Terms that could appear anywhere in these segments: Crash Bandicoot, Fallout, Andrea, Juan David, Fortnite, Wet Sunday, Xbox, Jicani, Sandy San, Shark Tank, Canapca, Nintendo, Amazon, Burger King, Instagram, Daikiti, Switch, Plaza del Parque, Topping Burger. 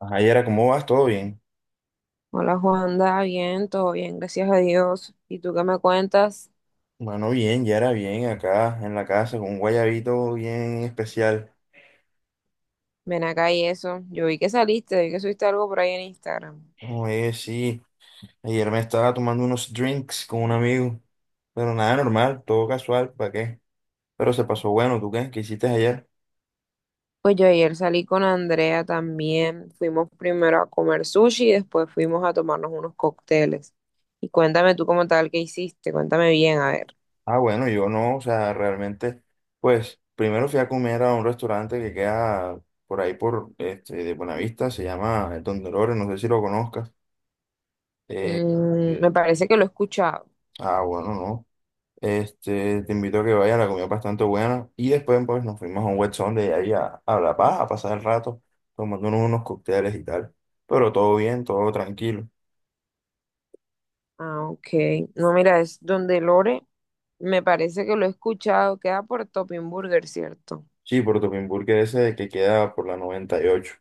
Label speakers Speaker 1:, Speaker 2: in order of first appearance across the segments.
Speaker 1: Ajá, Yara, ¿cómo vas? ¿Todo bien?
Speaker 2: Hola Juanda, bien, todo bien, gracias a Dios. ¿Y tú qué me cuentas?
Speaker 1: Bueno, bien, Yara, bien, acá en la casa, con un guayabito bien especial.
Speaker 2: Ven acá y eso. Yo vi que saliste, vi que subiste algo por ahí en Instagram.
Speaker 1: Oye, sí, ayer me estaba tomando unos drinks con un amigo, pero nada normal, todo casual, ¿para qué? Pero se pasó bueno, ¿tú qué? ¿Qué hiciste ayer?
Speaker 2: Pues yo ayer salí con Andrea también. Fuimos primero a comer sushi y después fuimos a tomarnos unos cócteles. Y cuéntame tú como tal qué hiciste, cuéntame bien, a ver.
Speaker 1: Ah, bueno, yo no, o sea, realmente, pues, primero fui a comer a un restaurante que queda por ahí, por, de Buenavista, se llama El Don Dolores, no sé si lo conozcas. Eh,
Speaker 2: Mm,
Speaker 1: eh,
Speaker 2: me parece que lo he escuchado.
Speaker 1: bueno, no. Te invito a que vayas, la comida es bastante buena. Y después pues, nos fuimos a un wet de ahí a La Paz a pasar el rato, tomándonos unos cócteles y tal. Pero todo bien, todo tranquilo.
Speaker 2: Ah, ok. No, mira, es donde Lore, me parece que lo he escuchado, queda por Topping Burger, ¿cierto?
Speaker 1: Sí, por Topinburg Burger ese que queda por la 98.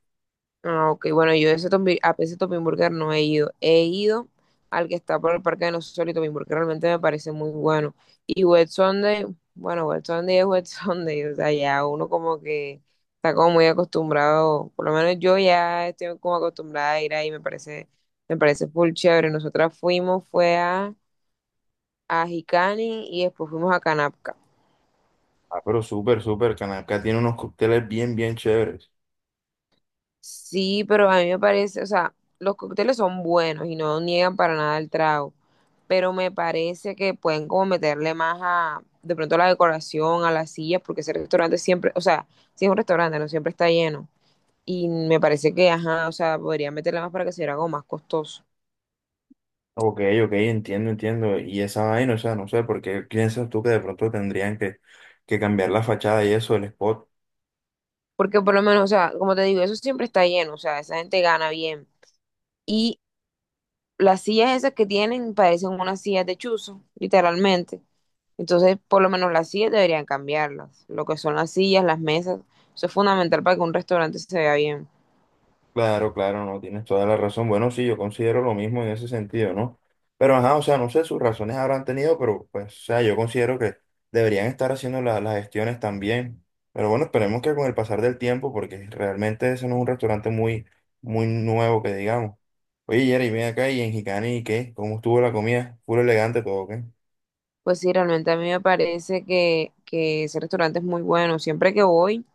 Speaker 2: Ah, ok, bueno, yo ese a ese Topping Burger no he ido. He ido al que está por el Parque de los Sol y Topping Burger, realmente me parece muy bueno. Y Wet Sunday, bueno, Wet Sunday es Wet Sunday, o sea, ya uno como que está como muy acostumbrado, por lo menos yo ya estoy como acostumbrada a ir ahí, me parece full chévere. Nosotras fuimos, a Jicani y después fuimos a Canapca.
Speaker 1: Ah, pero súper, súper, Canacá tiene unos cócteles bien, bien chéveres.
Speaker 2: Sí, pero a mí me parece, o sea, los cócteles son buenos y no niegan para nada el trago, pero me parece que pueden como meterle más de pronto a la decoración, a las sillas, porque ese restaurante siempre, o sea, si es un restaurante, no siempre está lleno. Y me parece que, ajá, o sea, podría meterle más para que sea algo más costoso.
Speaker 1: Ok, ok, entiendo, entiendo. Y esa vaina, o sea, no sé, porque piensas tú que de pronto tendrían que cambiar la fachada y eso, el spot.
Speaker 2: Porque por lo menos, o sea, como te digo, eso siempre está lleno, o sea, esa gente gana bien. Y las sillas esas que tienen parecen unas sillas de chuzo, literalmente. Entonces, por lo menos las sillas deberían cambiarlas. Lo que son las sillas, las mesas, eso es fundamental para que un restaurante se vea bien.
Speaker 1: Claro, claro, no, tienes toda la razón. Bueno, sí, yo considero lo mismo en ese sentido, ¿no? Pero, ajá, o sea, no sé, sus razones habrán tenido, pero, pues, o sea, yo considero que deberían estar haciendo las gestiones también. Pero bueno, esperemos que con el pasar del tiempo, porque realmente ese no es un restaurante muy, muy nuevo, que digamos. Oye, Jerry, ven acá y en Jicani, ¿qué? ¿Cómo estuvo la comida? ¿Puro elegante todo, qué?
Speaker 2: Pues sí, realmente a mí me parece que ese restaurante es muy bueno.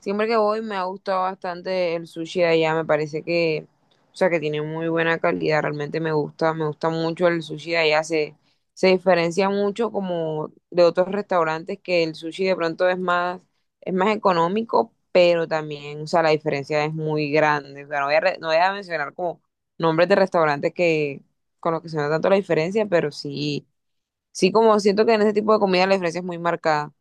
Speaker 2: Siempre que voy me ha gustado bastante el sushi de allá, me parece que, o sea, que tiene muy buena calidad, realmente me gusta mucho el sushi de allá, se diferencia mucho como de otros restaurantes que el sushi de pronto es más económico, pero también, o sea, la diferencia es muy grande, o sea, no voy a mencionar como nombres de restaurantes que, con los que se nota tanto la diferencia, pero sí como siento que en ese tipo de comida la diferencia es muy marcada.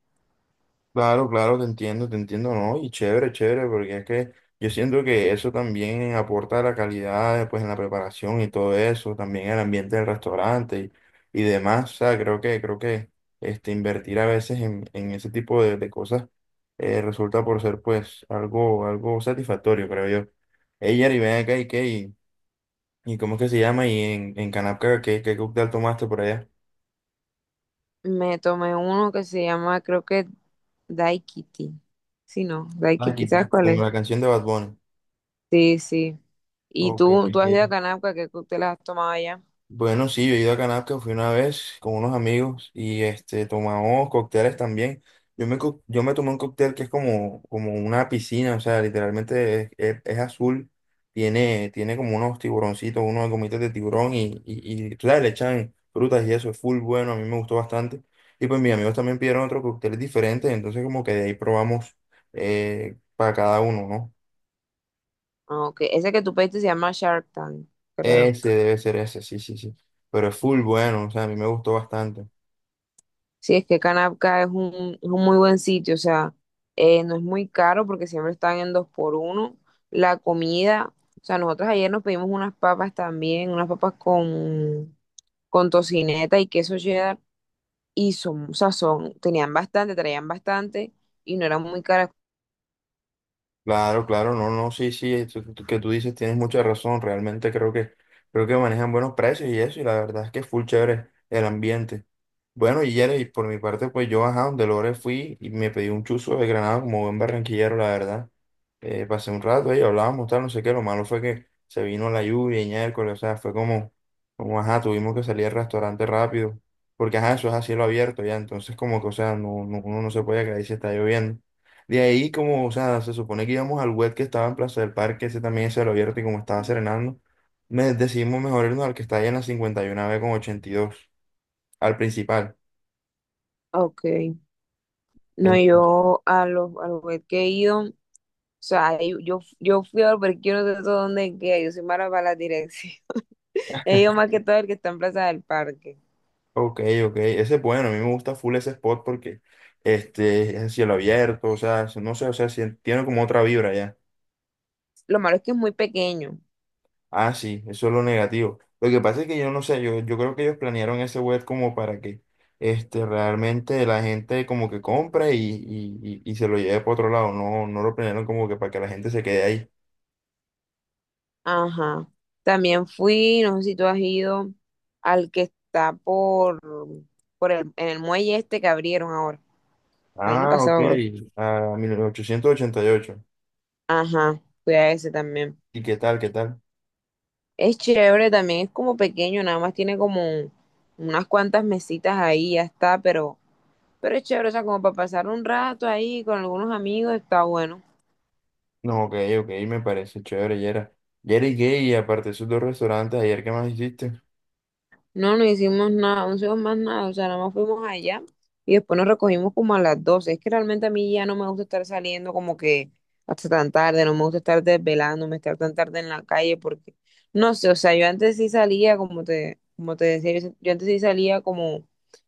Speaker 1: Claro, claro, te entiendo, ¿no? Y chévere, chévere, porque es que yo siento que eso también aporta a la calidad, pues, en la preparación y todo eso, también el ambiente del restaurante y demás, o sea, creo que, invertir a veces en ese tipo de cosas resulta por ser, pues, algo satisfactorio, creo yo. Ella, y ven acá, ¿y qué? ¿Y cómo es que se llama? ¿Y en Canapca qué cóctel tomaste por allá?
Speaker 2: Me tomé uno que se llama, creo que Daikiti. Sí, no,
Speaker 1: Ah,
Speaker 2: Daikiti,
Speaker 1: Kitty.
Speaker 2: ¿sabes cuál
Speaker 1: Como
Speaker 2: es?
Speaker 1: la canción de Bad Bunny.
Speaker 2: Sí, sí. ¿Y
Speaker 1: Ok,
Speaker 2: tú
Speaker 1: ok.
Speaker 2: has ido a Canapca, qué cócteles has tomado allá?
Speaker 1: Bueno, sí, yo he ido a Canasco, fui una vez con unos amigos y tomamos cócteles también. Yo me tomé un cóctel que es como una piscina, o sea, literalmente es azul, tiene como unos tiburoncitos, unos gomitas de tiburón y, tú sabes, le echan frutas y eso, es full bueno, a mí me gustó bastante. Y pues mis amigos también pidieron otro cóctel diferente, entonces como que de ahí probamos para cada uno, ¿no?
Speaker 2: Ah, ok. Ese que tú pediste se llama Shark Tank, creo.
Speaker 1: Ese debe ser ese, sí, sí, sí. Pero es full bueno, o sea, a mí me gustó bastante.
Speaker 2: Sí, es que Canapca es es un muy buen sitio, o sea, no es muy caro porque siempre están en dos por uno. La comida, o sea, nosotros ayer nos pedimos unas papas también, unas papas con tocineta y queso cheddar y son, o sea, son, tenían bastante, traían bastante y no eran muy caras.
Speaker 1: Claro, claro, no, no, sí, sí, eso que tú dices tienes mucha razón, realmente creo que manejan buenos precios y eso, y la verdad es que es full chévere el ambiente. Bueno, y Yere, y por mi parte, pues yo, ajá, donde Lore fui y me pedí un chuzo de granada como buen barranquillero, la verdad. Pasé un rato ahí, hablábamos, tal, no sé qué, lo malo fue que se vino la lluvia y miércoles, o sea, fue como, ajá, tuvimos que salir al restaurante rápido, porque, ajá, eso es a cielo abierto ya, entonces como que, o sea, uno no se puede quedar ahí si está lloviendo. De ahí, como, o sea, se supone que íbamos al web que estaba en Plaza del Parque, ese también se lo abierto y como estaba serenando, me decidimos mejor irnos al que está ahí en la 51B con 82 al principal.
Speaker 2: Ah, ok, no,
Speaker 1: En-
Speaker 2: yo a a los Burger que he ido, o sea, yo fui a los Burger King, yo no sé todo dónde queda, yo soy mala para la dirección. He ido más que todo el que está en Plaza del Parque.
Speaker 1: ok, ok, ese es bueno, a mí me gusta full ese spot porque es el cielo abierto, o sea, no sé, o sea, tiene como otra vibra ya.
Speaker 2: Lo malo es que es muy pequeño.
Speaker 1: Ah, sí, eso es lo negativo. Lo que pasa es que yo no sé, yo creo que ellos planearon ese web como para que realmente la gente como que compre y se lo lleve para otro lado. No, no lo planearon como que para que la gente se quede ahí.
Speaker 2: Ajá. También fui, no sé si tú has ido al que está por el, en el muelle este que abrieron ahora, el año
Speaker 1: Ah, ok.
Speaker 2: pasado creo.
Speaker 1: A 1888. ¿Y ocho?
Speaker 2: Ajá, fui a ese también.
Speaker 1: ¿Y qué tal, qué tal?
Speaker 2: Es chévere, también es como pequeño, nada más tiene como unas cuantas mesitas ahí, ya está, pero es chévere, o sea, como para pasar un rato ahí con algunos amigos, está bueno.
Speaker 1: No, ok, ok, me parece chévere, Yera. Yera y Gay, y aparte de esos dos restaurantes, ayer, ¿qué más hiciste?
Speaker 2: No, no hicimos nada, no hicimos más nada, o sea, nada más fuimos allá y después nos recogimos como a las 12. Es que realmente a mí ya no me gusta estar saliendo como que hasta tan tarde, no me gusta estar desvelándome, estar tan tarde en la calle porque, no sé, o sea, yo antes sí salía, como te decía, yo antes sí salía como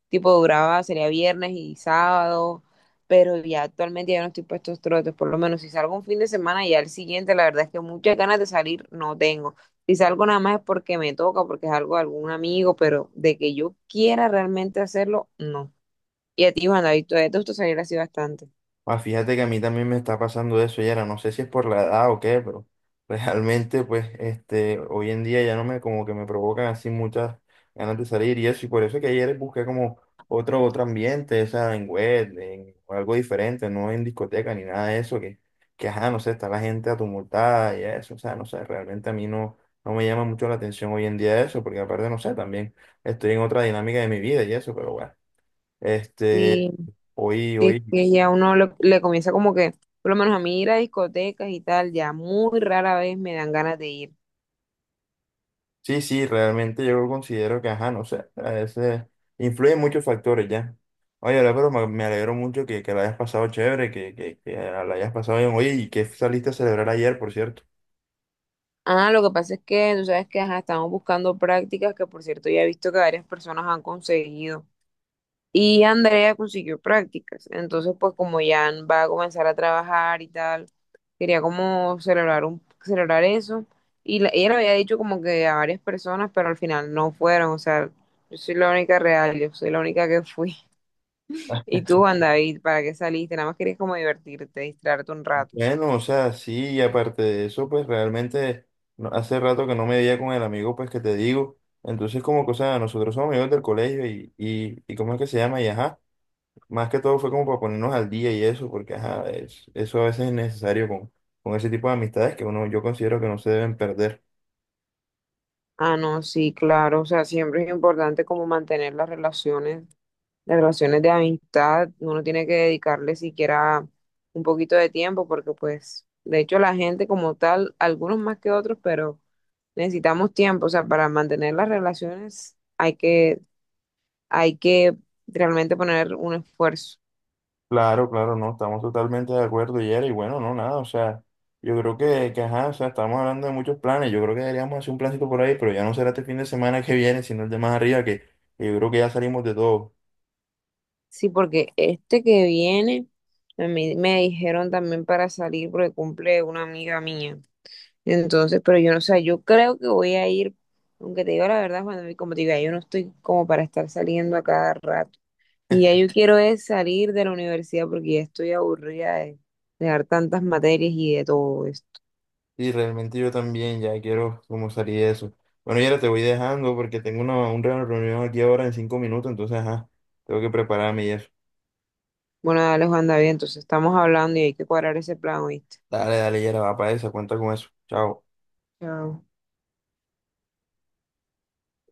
Speaker 2: tipo duraba, sería viernes y sábado, pero ya actualmente ya no estoy para estos trotes, por lo menos si salgo un fin de semana y al siguiente, la verdad es que muchas ganas de salir no tengo. Si salgo nada más es porque me toca, porque es algo de algún amigo, pero de que yo quiera realmente hacerlo, no. Y a ti, Juan David, te gusta salir así bastante?
Speaker 1: Ah, fíjate que a mí también me está pasando eso, Yera. No sé si es por la edad o qué, pero realmente, pues, hoy en día ya no me, como que me provocan así muchas ganas de salir y eso. Y por eso que ayer busqué como otro ambiente, o sea, en web, en algo diferente, no en discoteca ni nada de eso, que ajá, no sé, está la gente atumultada y eso. O sea, no sé, realmente a mí no, no me llama mucho la atención hoy en día eso, porque aparte, no sé, también estoy en otra dinámica de mi vida y eso, pero bueno, este.
Speaker 2: Sí,
Speaker 1: Hoy,
Speaker 2: es
Speaker 1: hoy,
Speaker 2: que ya uno le comienza como que, por lo menos a mí ir a discotecas y tal, ya muy rara vez me dan ganas de ir.
Speaker 1: sí, sí, realmente yo considero que, ajá, no sé, a veces influyen muchos factores ya. Oye, la pero me alegro mucho que la hayas pasado chévere, que la hayas pasado bien. Oye, ¿y qué saliste a celebrar ayer, por cierto?
Speaker 2: Ah, lo que pasa es que tú sabes que ajá, estamos buscando prácticas que por cierto ya he visto que varias personas han conseguido. Y Andrea consiguió prácticas, entonces pues como ya va a comenzar a trabajar y tal. Quería como celebrar eso. Y ella le había dicho como que a varias personas, pero al final no fueron. O sea, yo soy la única real, yo soy la única que fui. Y tú, Juan David, ¿para qué saliste? Nada más querías como divertirte, distraerte un rato.
Speaker 1: Bueno, o sea, sí, y aparte de eso, pues realmente hace rato que no me veía con el amigo, pues que te digo. Entonces, como que, o sea, nosotros somos amigos del colegio y ¿cómo es que se llama? Y ajá. Más que todo fue como para ponernos al día y eso, porque ajá, eso a veces es necesario con ese tipo de amistades que uno, yo considero que no se deben perder.
Speaker 2: Ah, no, sí, claro. O sea, siempre es importante como mantener las relaciones de amistad, uno tiene que dedicarle siquiera un poquito de tiempo porque pues, de hecho, la gente como tal, algunos más que otros, pero necesitamos tiempo, o sea, para mantener las relaciones hay que realmente poner un esfuerzo.
Speaker 1: Claro, claro, no, estamos totalmente de acuerdo, Yera, y bueno, no, nada, o sea, yo creo que ajá, o sea, estamos hablando de muchos planes, yo creo que deberíamos hacer un plancito por ahí, pero ya no será este fin de semana que viene, sino el de más arriba, que yo creo que ya salimos de todo.
Speaker 2: Sí, porque este que viene, a mí me dijeron también para salir porque cumple una amiga mía. Entonces, pero yo no sé, yo creo que voy a ir, aunque te digo la verdad, cuando como te digo, yo no estoy como para estar saliendo a cada rato. Y ya yo quiero es salir de la universidad porque ya estoy aburrida de dar tantas materias y de todo esto.
Speaker 1: Y realmente yo también ya quiero como salir de eso. Bueno, Yera, te voy dejando porque tengo una reunión aquí ahora en 5 minutos, entonces, ajá, tengo que prepararme y eso.
Speaker 2: Bueno, dale, Juan David, entonces estamos hablando y hay que cuadrar ese plan, ¿oíste?
Speaker 1: Dale, dale, Yera, va para esa, cuenta con eso. Chao.
Speaker 2: Chao.